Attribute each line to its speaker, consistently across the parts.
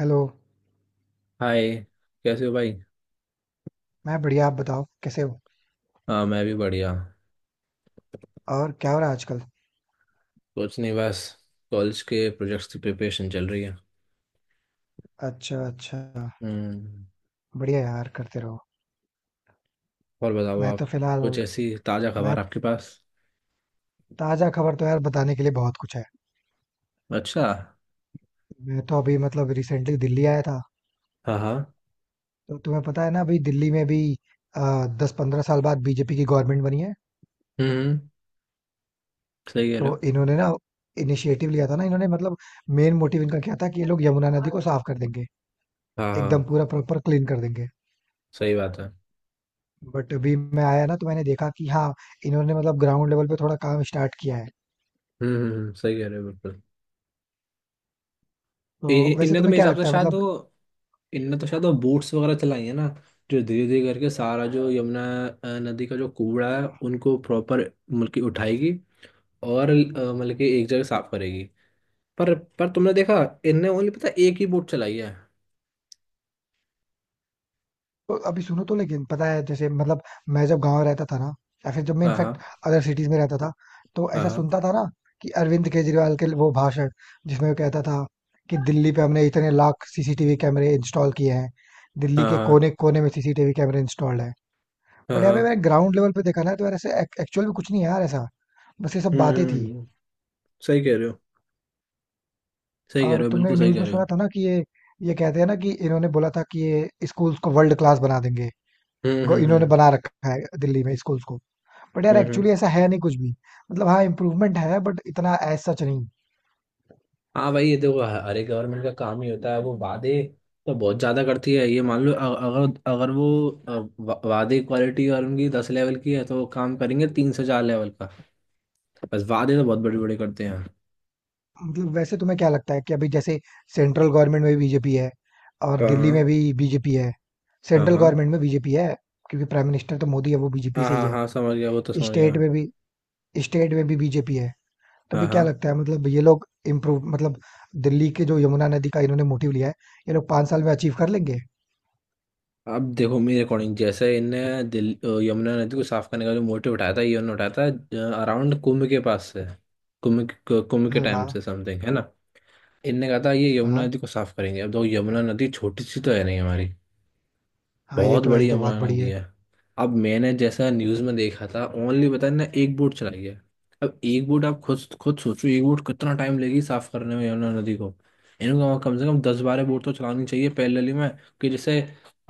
Speaker 1: Hello.
Speaker 2: Hi. कैसे हो भाई?
Speaker 1: मैं बढ़िया, आप बताओ कैसे हो?
Speaker 2: हाँ, मैं भी बढ़िया।
Speaker 1: और क्या हो रहा है आजकल?
Speaker 2: कुछ नहीं, बस कॉलेज के प्रोजेक्ट्स की प्रिपरेशन चल रही है।
Speaker 1: अच्छा, अच्छा।
Speaker 2: हम्म।
Speaker 1: बढ़िया यार, करते रहो।
Speaker 2: और बताओ
Speaker 1: मैं तो
Speaker 2: आप? कुछ
Speaker 1: फिलहाल।
Speaker 2: ऐसी ताज़ा
Speaker 1: मैं
Speaker 2: खबर आपके पास?
Speaker 1: ताजा खबर तो यार बताने के लिए बहुत कुछ है।
Speaker 2: अच्छा।
Speaker 1: मैं तो अभी मतलब रिसेंटली दिल्ली आया था।
Speaker 2: हाँ हाँ।
Speaker 1: तो तुम्हें पता है ना, अभी दिल्ली में भी 10-15 साल बाद बीजेपी की गवर्नमेंट बनी है।
Speaker 2: हम्म। सही कह
Speaker 1: तो
Speaker 2: रहे हो।
Speaker 1: इन्होंने ना इनिशिएटिव लिया था ना, इन्होंने मतलब मेन मोटिव इनका क्या था कि ये लोग यमुना नदी को साफ कर देंगे।
Speaker 2: हाँ
Speaker 1: एकदम
Speaker 2: हाँ।
Speaker 1: पूरा प्रॉपर क्लीन कर देंगे।
Speaker 2: सही बात है।
Speaker 1: बट अभी मैं आया ना तो मैंने देखा कि हाँ, इन्होंने मतलब ग्राउंड लेवल पे थोड़ा काम स्टार्ट किया है।
Speaker 2: सही कह रहे हो बिल्कुल।
Speaker 1: तो
Speaker 2: इ- इ-
Speaker 1: वैसे
Speaker 2: इनने तो
Speaker 1: तुम्हें
Speaker 2: मेरे
Speaker 1: क्या
Speaker 2: हिसाब से
Speaker 1: लगता है
Speaker 2: शायद
Speaker 1: मतलब?
Speaker 2: वो इनने तो शायद वो बोट्स वगैरह चलाई है ना, जो धीरे धीरे करके सारा जो यमुना नदी का जो कूड़ा है उनको प्रॉपर मतलब कि उठाएगी। और मतलब कि एक जगह साफ करेगी। पर पर तुमने देखा, इनने ओनली पता है एक ही बोट चलाई है।
Speaker 1: तो अभी सुनो, तो लेकिन पता है जैसे मतलब मैं जब गांव रहता था ना, या फिर जब मैं
Speaker 2: हाँ
Speaker 1: इनफैक्ट
Speaker 2: हाँ।
Speaker 1: अदर सिटीज में रहता था, तो ऐसा
Speaker 2: हाँ
Speaker 1: सुनता था ना कि अरविंद केजरीवाल के वो भाषण जिसमें वो कहता था कि दिल्ली पे हमने इतने लाख सीसीटीवी कैमरे इंस्टॉल किए हैं। दिल्ली
Speaker 2: हाँ।
Speaker 1: के
Speaker 2: हाँ
Speaker 1: कोने कोने में सीसीटीवी कैमरे इंस्टॉल्ड है।
Speaker 2: हाँ।
Speaker 1: बट यहाँ पे
Speaker 2: हाँ।
Speaker 1: मैंने ग्राउंड लेवल पे देखा ना तो यार ऐसे एक्चुअल में कुछ नहीं है यार ऐसा। बस ये सब बातें थी।
Speaker 2: हम्म। सही कह रहे हो। सही कह
Speaker 1: और
Speaker 2: रहे हो,
Speaker 1: तुमने
Speaker 2: बिल्कुल सही
Speaker 1: न्यूज
Speaker 2: कह
Speaker 1: में
Speaker 2: रहे हो।
Speaker 1: सुना था ना कि ये कहते हैं ना कि इन्होंने बोला था कि ये स्कूल्स को वर्ल्ड क्लास बना देंगे।
Speaker 2: हम्म हम्म
Speaker 1: इन्होंने
Speaker 2: हम्म
Speaker 1: बना रखा है दिल्ली में स्कूल्स को। बट यार
Speaker 2: हम्म हम्म।
Speaker 1: एक्चुअली ऐसा है नहीं कुछ भी। मतलब हाँ, इम्प्रूवमेंट है बट इतना एज सच नहीं।
Speaker 2: हाँ भाई, ये देखो, अरे गवर्नमेंट का काम ही होता है वो वादे तो बहुत ज्यादा करती है। ये मान लो अगर अगर वो वादे क्वालिटी और उनकी 10 लेवल की है तो वो काम करेंगे 3 से 4 लेवल का। बस वादे तो बहुत बड़े बड़े करते हैं।
Speaker 1: मतलब वैसे तुम्हें क्या लगता है कि अभी जैसे सेंट्रल गवर्नमेंट में बीजेपी है और दिल्ली में
Speaker 2: कहाँ?
Speaker 1: भी बीजेपी है।
Speaker 2: हाँ
Speaker 1: सेंट्रल
Speaker 2: हाँ।
Speaker 1: गवर्नमेंट में बीजेपी है क्योंकि प्राइम मिनिस्टर तो मोदी है, वो बीजेपी
Speaker 2: हाँ
Speaker 1: से ही
Speaker 2: हाँ
Speaker 1: है।
Speaker 2: हाँ, समझ गया, वो तो समझ गया।
Speaker 1: स्टेट में भी स्टेट में भी बीजेपी है। तो
Speaker 2: हाँ
Speaker 1: अभी क्या
Speaker 2: हाँ।
Speaker 1: लगता है मतलब ये लोग इम्प्रूव मतलब दिल्ली के जो यमुना नदी का इन्होंने मोटिव लिया है, ये लोग 5 साल में अचीव कर लेंगे?
Speaker 2: अब देखो, मेरे अकॉर्डिंग जैसे इनने यमुना नदी को साफ करने का जो मोटिव उठाया था, ये उन्होंने उठाया था अराउंड कुंभ के पास से। कुंभ के
Speaker 1: हाँ, हाँ,
Speaker 2: टाइम से समथिंग है ना। इनने कहा था ये यमुना
Speaker 1: हाँ,
Speaker 2: नदी को साफ करेंगे। अब देखो, यमुना नदी छोटी सी तो है नहीं हमारी,
Speaker 1: हाँ। ये
Speaker 2: बहुत
Speaker 1: तो है,
Speaker 2: बड़ी
Speaker 1: ये तो बहुत
Speaker 2: अमराना
Speaker 1: बड़ी
Speaker 2: नदी
Speaker 1: है।
Speaker 2: है। अब मैंने जैसा न्यूज में देखा था, ओनली पता है ना, एक बोट चलाई है। अब एक बोट आप खुद खुद सोचो, एक बोट कितना टाइम लगेगी साफ करने में यमुना नदी को। इनको वहाँ कम से कम 10-12 बोट तो चलानी चाहिए पैरेलली में, कि जिससे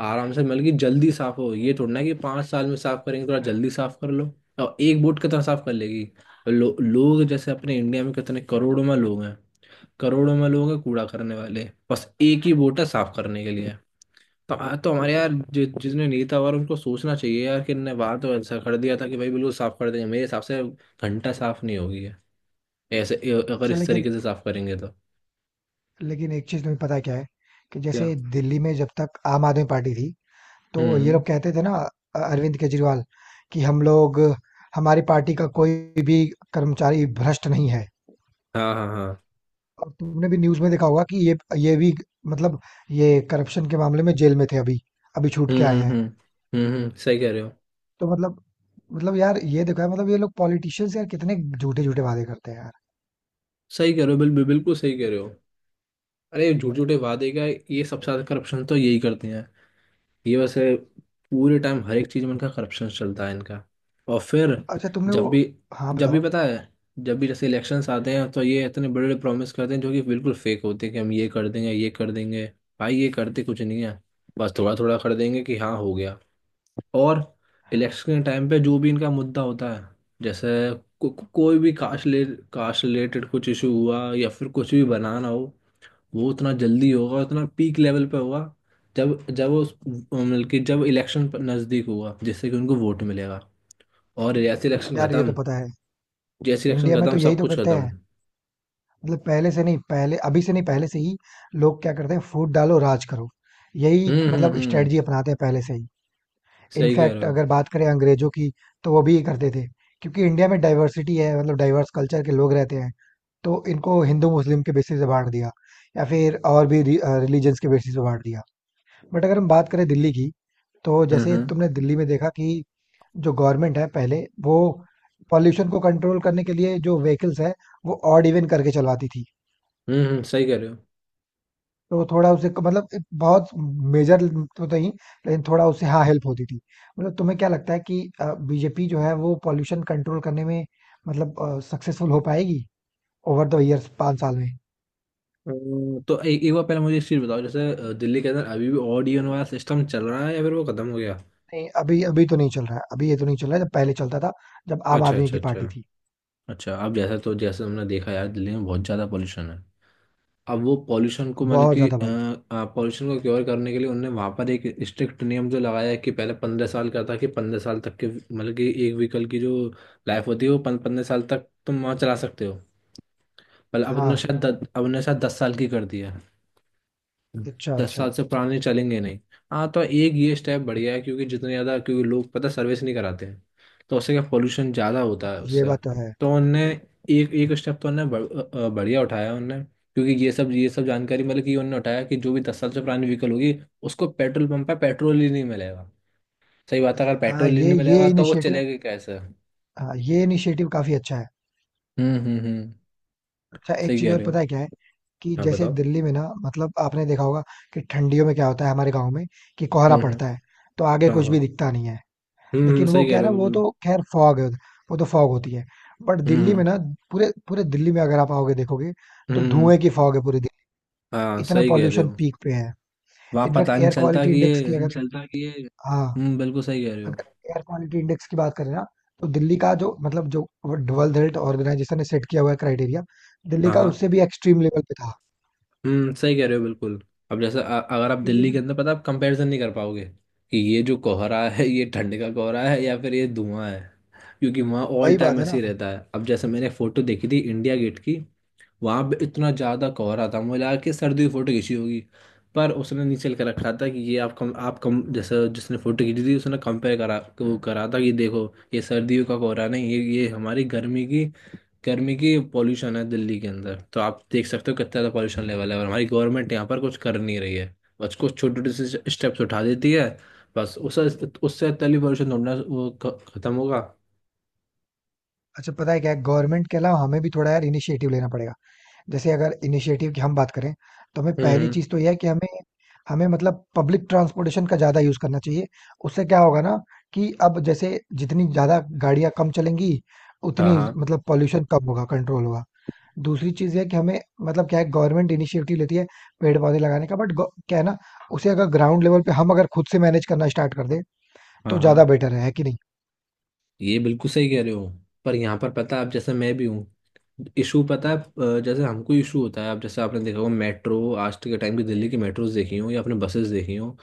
Speaker 2: आराम से मिल गई जल्दी साफ हो। ये थोड़ा ना कि 5 साल में साफ करेंगे, थोड़ा जल्दी साफ कर लो। और एक बोट कितना साफ कर लेगी? लोग जैसे अपने इंडिया में कितने करोड़ों में लोग हैं, करोड़ों में लोग हैं कूड़ा करने वाले, बस एक ही बोट है साफ करने के लिए। तो हाँ, तो हमारे यार जितने नेता और उनको सोचना चाहिए यार कि इनने बात तो ऐसा कर दिया था कि भाई बिल्कुल साफ कर देंगे, मेरे हिसाब से घंटा साफ नहीं होगी है। ऐसे अगर
Speaker 1: अच्छा,
Speaker 2: इस
Speaker 1: लेकिन
Speaker 2: तरीके से साफ करेंगे तो।
Speaker 1: लेकिन एक चीज तुम्हें पता है क्या है कि
Speaker 2: क्या?
Speaker 1: जैसे दिल्ली में जब तक आम आदमी पार्टी थी तो ये
Speaker 2: हम्म।
Speaker 1: लोग कहते थे ना, अरविंद केजरीवाल कि हम लोग, हमारी पार्टी का कोई भी कर्मचारी भ्रष्ट नहीं है।
Speaker 2: हाँ हाँ हाँ।
Speaker 1: और तुमने भी न्यूज में देखा होगा कि ये भी मतलब ये करप्शन के मामले में जेल में थे। अभी अभी छूट
Speaker 2: हम्म
Speaker 1: के आए
Speaker 2: हम्म
Speaker 1: हैं।
Speaker 2: हम्म सही कह रहे हो।
Speaker 1: तो मतलब यार ये देखा है मतलब ये लोग पॉलिटिशियंस यार कितने झूठे झूठे वादे करते हैं यार।
Speaker 2: सही कह रहे हो, बिल्कुल बिल्कुल सही कह रहे हो। अरे झूठ झूठे वादे का, ये सबसे ज्यादा करप्शन तो यही करते हैं। ये वैसे पूरे टाइम हर एक चीज में इनका करप्शन चलता है इनका। और फिर
Speaker 1: अच्छा तुमने वो।
Speaker 2: जब भी
Speaker 1: हाँ,
Speaker 2: जब भी
Speaker 1: बताओ।
Speaker 2: पता है, जब भी जैसे इलेक्शंस आते हैं तो ये इतने बड़े बड़े प्रॉमिस करते हैं जो कि बिल्कुल फेक होते हैं कि हम ये कर देंगे ये कर देंगे। भाई ये करते कुछ नहीं है, बस थोड़ा थोड़ा कर देंगे कि हाँ हो गया। और इलेक्शन के टाइम पे जो भी इनका मुद्दा होता है, जैसे कोई भी कास्ट ले, कास्ट रिलेटेड कुछ इशू हुआ या फिर कुछ भी बनाना हो, वो उतना जल्दी होगा, उतना पीक लेवल पे होगा, जब जब वो मतलब कि जब इलेक्शन नज़दीक होगा जिससे कि उनको वोट मिलेगा। और
Speaker 1: यार ये तो पता है,
Speaker 2: जैसे इलेक्शन
Speaker 1: इंडिया में
Speaker 2: खत्म,
Speaker 1: तो यही
Speaker 2: सब
Speaker 1: तो
Speaker 2: कुछ
Speaker 1: करते हैं।
Speaker 2: खत्म।
Speaker 1: मतलब पहले से नहीं, पहले अभी से नहीं, पहले से ही लोग क्या करते हैं, फूट डालो राज करो। यही मतलब
Speaker 2: हम्म।
Speaker 1: स्ट्रेटजी अपनाते हैं पहले से ही।
Speaker 2: सही कह रहे
Speaker 1: इनफैक्ट
Speaker 2: हो।
Speaker 1: अगर बात करें अंग्रेजों की तो वो भी ये करते थे क्योंकि इंडिया में डाइवर्सिटी है, मतलब डाइवर्स कल्चर के लोग रहते हैं। तो इनको हिंदू मुस्लिम के बेसिस पे बांट दिया, या फिर और भी रिलीजन्स के बेसिस पे बांट दिया। बट अगर हम बात करें दिल्ली की, तो
Speaker 2: हम्म
Speaker 1: जैसे तुमने
Speaker 2: हम्म
Speaker 1: दिल्ली में देखा कि जो गवर्नमेंट है पहले, वो पॉल्यूशन को कंट्रोल करने के लिए जो व्हीकल्स है वो ऑड इवन करके चलवाती थी।
Speaker 2: सही कह रहे हो।
Speaker 1: तो थोड़ा उसे मतलब एक बहुत मेजर तो नहीं, लेकिन थोड़ा उसे हाँ हेल्प होती थी। मतलब तुम्हें क्या लगता है कि बीजेपी जो है वो पॉल्यूशन कंट्रोल करने में मतलब सक्सेसफुल हो पाएगी ओवर द इयर्स 5 साल में?
Speaker 2: तो एक एक बार पहले मुझे एक चीज़ बताओ, जैसे दिल्ली के अंदर अभी भी ऑड इवन वाला सिस्टम चल रहा है या फिर वो खत्म हो गया?
Speaker 1: नहीं, अभी अभी तो नहीं चल रहा है, अभी ये तो नहीं चल रहा है। जब पहले चलता था, जब आम
Speaker 2: अच्छा
Speaker 1: आदमी
Speaker 2: अच्छा
Speaker 1: की
Speaker 2: अच्छा।
Speaker 1: पार्टी थी।
Speaker 2: अच्छा, अब जैसा तो जैसे हमने देखा यार, दिल्ली में बहुत ज़्यादा पॉल्यूशन है। अब वो पॉल्यूशन को मतलब
Speaker 1: बहुत
Speaker 2: कि
Speaker 1: ज्यादा भाई।
Speaker 2: पॉल्यूशन को क्योर करने के लिए उनने वहाँ पर एक स्ट्रिक्ट नियम जो लगाया है कि पहले 15 साल का था, कि 15 साल तक के मतलब कि एक व्हीकल की जो लाइफ होती है वो 15 साल तक तुम वहाँ चला सकते हो। पर अब
Speaker 1: हाँ,
Speaker 2: उन्होंने शायद 10 साल की कर दिया।
Speaker 1: अच्छा,
Speaker 2: दस
Speaker 1: अच्छा।
Speaker 2: साल से पुराने चलेंगे नहीं। हाँ, तो एक ये स्टेप बढ़िया है, क्योंकि जितने ज़्यादा क्योंकि लोग पता सर्विस नहीं कराते हैं तो उससे क्या पोल्यूशन ज़्यादा होता है
Speaker 1: हाँ, ये
Speaker 2: उससे।
Speaker 1: बात तो है।
Speaker 2: तो उनने एक एक स्टेप तो उनने बढ़िया उठाया है उनने, क्योंकि ये सब जानकारी मतलब कि उनने उठाया कि जो भी 10 साल से पुरानी व्हीकल होगी उसको पेट्रोल पंप पे पेट्रोल ही नहीं मिलेगा। सही बात है, अगर
Speaker 1: हाँ
Speaker 2: पेट्रोल ही
Speaker 1: ये
Speaker 2: नहीं मिलेगा
Speaker 1: ये
Speaker 2: तो वो
Speaker 1: इनिशिएटिव।
Speaker 2: चलेगी कैसे?
Speaker 1: हाँ ये इनिशिएटिव काफी अच्छा है।
Speaker 2: हम्म।
Speaker 1: अच्छा एक
Speaker 2: सही
Speaker 1: चीज
Speaker 2: कह
Speaker 1: और
Speaker 2: रहे
Speaker 1: पता
Speaker 2: हो।
Speaker 1: है क्या है कि
Speaker 2: हाँ
Speaker 1: जैसे
Speaker 2: बताओ।
Speaker 1: दिल्ली में ना मतलब आपने देखा होगा कि ठंडियों में क्या होता है हमारे गांव में, कि कोहरा
Speaker 2: हम्म।
Speaker 1: पड़ता है। तो आगे
Speaker 2: हाँ
Speaker 1: कुछ भी
Speaker 2: हाँ।
Speaker 1: दिखता नहीं है।
Speaker 2: हम्म,
Speaker 1: लेकिन
Speaker 2: सही
Speaker 1: वो
Speaker 2: कह
Speaker 1: क्या है
Speaker 2: रहे
Speaker 1: ना,
Speaker 2: हो
Speaker 1: वो
Speaker 2: बिल्कुल।
Speaker 1: तो खैर फॉग है उधर, वो तो फॉग होती है। बट
Speaker 2: हम्म
Speaker 1: दिल्ली
Speaker 2: हम्म
Speaker 1: में ना पूरे पूरे दिल्ली में अगर आप आओगे देखोगे तो
Speaker 2: हम्म,
Speaker 1: धुएं की फॉग है पूरी दिल्ली।
Speaker 2: हाँ
Speaker 1: इतना
Speaker 2: सही कह रहे
Speaker 1: पॉल्यूशन
Speaker 2: हो।
Speaker 1: पीक पे है।
Speaker 2: वहां
Speaker 1: इनफैक्ट
Speaker 2: पता नहीं
Speaker 1: एयर
Speaker 2: चलता
Speaker 1: क्वालिटी
Speaker 2: कि ये।
Speaker 1: इंडेक्स की अगर चलता कि ये, हाँ,
Speaker 2: हम्म, बिल्कुल सही कह रहे हो।
Speaker 1: अगर एयर क्वालिटी इंडेक्स की बात करें ना, तो दिल्ली का जो मतलब जो वर्ल्ड हेल्थ ऑर्गेनाइजेशन ने सेट किया हुआ है क्राइटेरिया, दिल्ली
Speaker 2: हाँ
Speaker 1: का
Speaker 2: हाँ।
Speaker 1: उससे भी एक्सट्रीम लेवल पे था।
Speaker 2: हम्म, सही कह रहे हो बिल्कुल। अब जैसे अगर आप
Speaker 1: तो ये
Speaker 2: दिल्ली के
Speaker 1: सब
Speaker 2: अंदर पता आप कंपैरिजन नहीं कर पाओगे कि ये जो कोहरा है ये ठंड का कोहरा है या फिर ये धुआं है, क्योंकि वहाँ ऑल
Speaker 1: वही बात
Speaker 2: टाइम
Speaker 1: है ना।
Speaker 2: ऐसे ही
Speaker 1: अच्छा।
Speaker 2: रहता है। अब जैसे मैंने फोटो देखी थी इंडिया गेट की, वहाँ पे इतना ज़्यादा कोहरा था मुझे लगा कि सर्दी की फोटो खींची होगी। पर उसने नीचे कर रखा था कि ये आप कम जैसे जिसने फोटो खींची थी उसने कंपेयर करा, वो करा था कि देखो ये सर्दियों का कोहरा नहीं, ये ये हमारी गर्मी की पॉल्यूशन है दिल्ली के अंदर, तो आप देख सकते हो कितना ज़्यादा पॉल्यूशन लेवल है और हमारी गवर्नमेंट यहाँ पर कुछ कर नहीं रही है। बस कुछ छोटे छोटे से स्टेप्स उठा देती है, बस उस उससे तली पॉल्यूशन ढूंढना वो खत्म होगा।
Speaker 1: अच्छा पता है क्या है, गवर्नमेंट के अलावा हमें भी थोड़ा यार इनिशिएटिव लेना पड़ेगा। जैसे अगर इनिशिएटिव की हम बात करें, तो हमें
Speaker 2: हम्म
Speaker 1: पहली
Speaker 2: हम्म।
Speaker 1: चीज तो यह है कि हमें हमें मतलब पब्लिक ट्रांसपोर्टेशन का ज्यादा यूज करना चाहिए। उससे क्या होगा ना कि अब जैसे जितनी ज्यादा गाड़ियां कम चलेंगी,
Speaker 2: हाँ
Speaker 1: उतनी
Speaker 2: हाँ
Speaker 1: मतलब पॉल्यूशन कम होगा, कंट्रोल होगा। दूसरी चीज है कि हमें मतलब क्या है, गवर्नमेंट इनिशिएटिव लेती है पेड़ पौधे लगाने का, बट क्या है ना, उसे अगर ग्राउंड लेवल पे हम अगर खुद से मैनेज करना स्टार्ट कर दें
Speaker 2: हाँ
Speaker 1: तो
Speaker 2: हाँ।
Speaker 1: ज्यादा बेटर है कि नहीं?
Speaker 2: ये बिल्कुल सही कह रहे हो, पर यहाँ पर पता है आप जैसे मैं भी हूँ, इशू पता है। जैसे हमको इशू होता है, अब जैसे आपने देखा होगा मेट्रो आज के टाइम की, दिल्ली की मेट्रोज देखी हो या आपने बसेस देखी हो,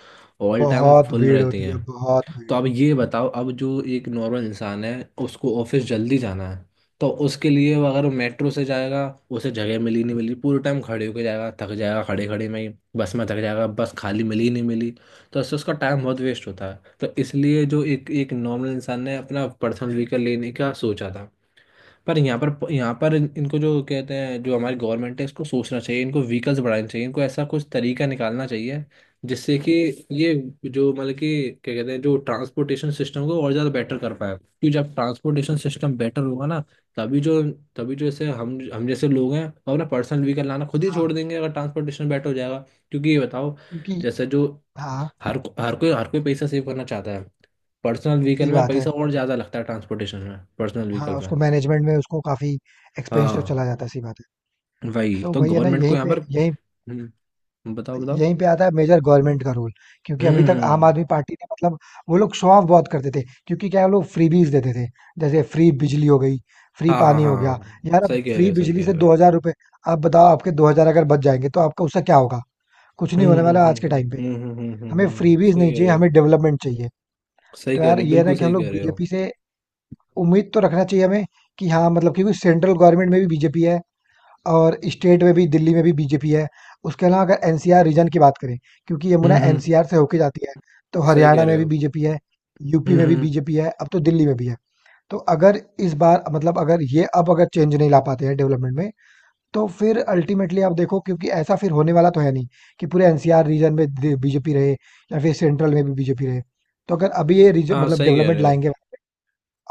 Speaker 2: ऑल टाइम
Speaker 1: बहुत
Speaker 2: फुल
Speaker 1: भीड़
Speaker 2: रहती
Speaker 1: होती है,
Speaker 2: हैं।
Speaker 1: बहुत
Speaker 2: तो
Speaker 1: भीड़।
Speaker 2: अब ये बताओ, अब जो एक नॉर्मल इंसान है, उसको ऑफिस जल्दी जाना है तो उसके लिए वो अगर मेट्रो से जाएगा, उसे जगह मिली नहीं मिली पूरे टाइम खड़े होके जाएगा, थक जाएगा खड़े खड़े में ही। बस में थक जाएगा, बस खाली मिली ही नहीं मिली। तो उससे उसका टाइम बहुत वेस्ट होता है, तो इसलिए जो एक एक नॉर्मल इंसान ने अपना पर्सनल व्हीकल लेने का सोचा था। पर यहाँ पर इनको जो कहते हैं, जो हमारी गवर्नमेंट है इसको सोचना चाहिए, इनको व्हीकल्स बढ़ाने चाहिए, इनको ऐसा कुछ तरीका निकालना चाहिए जिससे कि ये जो मतलब कि क्या कहते हैं जो ट्रांसपोर्टेशन सिस्टम को और ज़्यादा बेटर कर पाए, क्योंकि जब ट्रांसपोर्टेशन सिस्टम बेटर होगा ना, तभी जो तभी जो ऐसे हम जैसे लोग हैं वो अपना पर्सनल व्हीकल लाना खुद ही
Speaker 1: हाँ।
Speaker 2: छोड़ देंगे अगर ट्रांसपोर्टेशन बेटर हो जाएगा। क्योंकि ये बताओ,
Speaker 1: क्योंकि
Speaker 2: जैसे जो
Speaker 1: हाँ,
Speaker 2: हर हर कोई पैसा सेव करना चाहता है, पर्सनल व्हीकल
Speaker 1: सही
Speaker 2: में
Speaker 1: बात है।
Speaker 2: पैसा और ज़्यादा लगता है ट्रांसपोर्टेशन में पर्सनल व्हीकल
Speaker 1: हाँ,
Speaker 2: में।
Speaker 1: उसको मैनेजमेंट में उसको काफ़ी एक्सपेंस तो
Speaker 2: हाँ,
Speaker 1: चला जाता है, सही बात है।
Speaker 2: वही
Speaker 1: तो
Speaker 2: तो
Speaker 1: वही है ना,
Speaker 2: गवर्नमेंट को
Speaker 1: यहीं
Speaker 2: यहाँ
Speaker 1: पे
Speaker 2: पर।
Speaker 1: यहीं
Speaker 2: हम्म, बताओ बताओ।
Speaker 1: यहीं पे आता है मेजर गवर्नमेंट का रोल। क्योंकि अभी
Speaker 2: हम्म
Speaker 1: तक आम
Speaker 2: हम्म,
Speaker 1: आदमी पार्टी ने मतलब वो लोग शो ऑफ बहुत करते थे, क्योंकि क्या है, वो लोग फ्रीबीज देते थे। जैसे फ्री बिजली हो गई, फ्री
Speaker 2: हाँ हाँ
Speaker 1: पानी हो गया।
Speaker 2: हाँ,
Speaker 1: यार अब
Speaker 2: सही कह रहे
Speaker 1: फ्री
Speaker 2: हो। सही
Speaker 1: बिजली
Speaker 2: कह
Speaker 1: से
Speaker 2: रहे हो।
Speaker 1: ₹2000, आप बताओ आपके 2000 अगर बच जाएँगे तो आपका उससे क्या होगा? कुछ नहीं होने वाला आज के टाइम पे। हमें फ्रीबीज
Speaker 2: सही
Speaker 1: नहीं
Speaker 2: कह
Speaker 1: चाहिए,
Speaker 2: रहे हो।
Speaker 1: हमें डेवलपमेंट चाहिए।
Speaker 2: सही
Speaker 1: तो
Speaker 2: कह
Speaker 1: यार
Speaker 2: रहे हो,
Speaker 1: ये है ना
Speaker 2: बिल्कुल
Speaker 1: कि हम
Speaker 2: सही
Speaker 1: लोग
Speaker 2: कह रहे हो।
Speaker 1: बीजेपी से उम्मीद तो रखना चाहिए हमें कि हाँ मतलब, क्योंकि सेंट्रल गवर्नमेंट में भी बीजेपी है और स्टेट में भी, दिल्ली में भी बीजेपी है। उसके अलावा अगर एनसीआर रीजन की बात करें, क्योंकि यमुना
Speaker 2: हम्म,
Speaker 1: एनसीआर से होके जाती है, तो
Speaker 2: सही कह
Speaker 1: हरियाणा
Speaker 2: रहे
Speaker 1: में भी
Speaker 2: हो।
Speaker 1: बीजेपी है, यूपी में भी
Speaker 2: हम्म।
Speaker 1: बीजेपी है, अब तो दिल्ली में भी है। तो अगर इस बार मतलब अगर ये अब अगर चेंज नहीं ला पाते हैं डेवलपमेंट में, तो फिर अल्टीमेटली आप देखो, क्योंकि ऐसा फिर होने वाला तो है नहीं कि पूरे एनसीआर रीजन में बीजेपी रहे या फिर सेंट्रल में भी बीजेपी रहे। तो अगर अभी ये
Speaker 2: हाँ,
Speaker 1: मतलब
Speaker 2: सही कह
Speaker 1: डेवलपमेंट
Speaker 2: रहे हो।
Speaker 1: लाएंगे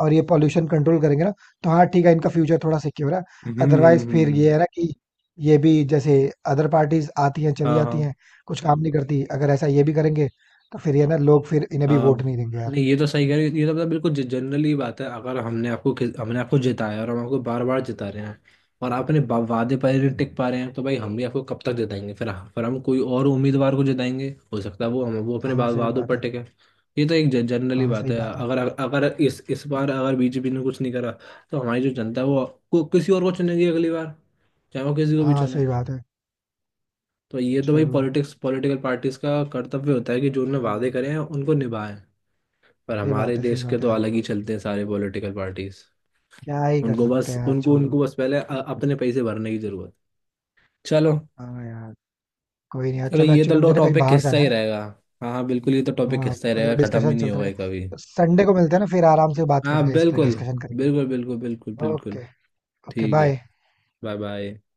Speaker 1: और ये पॉल्यूशन कंट्रोल करेंगे ना, तो हाँ ठीक है, इनका फ्यूचर थोड़ा सिक्योर है।
Speaker 2: हम्म हम्म
Speaker 1: अदरवाइज फिर
Speaker 2: हम्म,
Speaker 1: ये है ना कि ये भी जैसे अदर पार्टीज आती हैं चली
Speaker 2: हाँ
Speaker 1: जाती
Speaker 2: हाँ
Speaker 1: हैं, कुछ काम नहीं करती, अगर ऐसा ये भी करेंगे तो फिर ये ना, लोग फिर इन्हें भी
Speaker 2: हाँ।
Speaker 1: वोट नहीं देंगे यार।
Speaker 2: नहीं, ये तो सही कह रहे हो, ये तो मतलब बिल्कुल जनरली बात है, अगर हमने आपको जिताया और हम आपको बार बार जिता रहे हैं और आप अपने वादे पर नहीं टिक पा रहे हैं, तो भाई हम भी आपको कब तक जिताएंगे? फिर हम कोई और उम्मीदवार को जिताएंगे, हो सकता है वो अपने
Speaker 1: हाँ, सही
Speaker 2: वादों
Speaker 1: बात
Speaker 2: पर
Speaker 1: है।
Speaker 2: टिके। ये तो एक जनरली
Speaker 1: हाँ,
Speaker 2: बात
Speaker 1: सही
Speaker 2: है,
Speaker 1: बात है।
Speaker 2: अगर अगर इस इस बार अगर बीजेपी ने कुछ नहीं करा तो हमारी जो जनता है वो किसी और को चुनेगी अगली बार, चाहे वो किसी को भी
Speaker 1: हाँ,
Speaker 2: चुने।
Speaker 1: सही बात है,
Speaker 2: तो ये तो भाई
Speaker 1: चलो।
Speaker 2: पॉलिटिक्स पॉलिटिकल पार्टीज का कर्तव्य होता है कि जो उन्होंने
Speaker 1: हाँ,
Speaker 2: वादे करे हैं उनको निभाएं। पर
Speaker 1: सही
Speaker 2: हमारे
Speaker 1: बात है, सही
Speaker 2: देश के
Speaker 1: बात है
Speaker 2: तो
Speaker 1: यार।
Speaker 2: अलग ही चलते हैं सारे पॉलिटिकल पार्टीज।
Speaker 1: क्या ही कर
Speaker 2: उनको
Speaker 1: सकते
Speaker 2: बस
Speaker 1: हैं यार,
Speaker 2: उनको
Speaker 1: छोड़ो।
Speaker 2: उनको बस पहले अपने पैसे भरने की जरूरत। चलो।
Speaker 1: हाँ यार। कोई नहीं यार,
Speaker 2: चलो,
Speaker 1: चलो
Speaker 2: ये
Speaker 1: एक्चुअली
Speaker 2: तो
Speaker 1: मुझे ना कहीं
Speaker 2: टॉपिक
Speaker 1: बाहर
Speaker 2: हिस्सा
Speaker 1: जाना
Speaker 2: ही
Speaker 1: है।
Speaker 2: रहेगा। हाँ हाँ, बिल्कुल, ये तो टॉपिक
Speaker 1: हाँ
Speaker 2: हिस्सा ही रहेगा,
Speaker 1: मतलब
Speaker 2: खत्म ही
Speaker 1: डिस्कशन
Speaker 2: नहीं
Speaker 1: चलते
Speaker 2: होगा ये कभी।
Speaker 1: रहेगा, संडे को मिलते हैं ना, फिर आराम से बात
Speaker 2: हाँ
Speaker 1: करते हैं, इस पर
Speaker 2: बिल्कुल,
Speaker 1: डिस्कशन करेंगे।
Speaker 2: बिल्कुल बिल्कुल बिल्कुल बिल्कुल।
Speaker 1: ओके। ओके,
Speaker 2: ठीक है।
Speaker 1: बाय।
Speaker 2: Bye bye.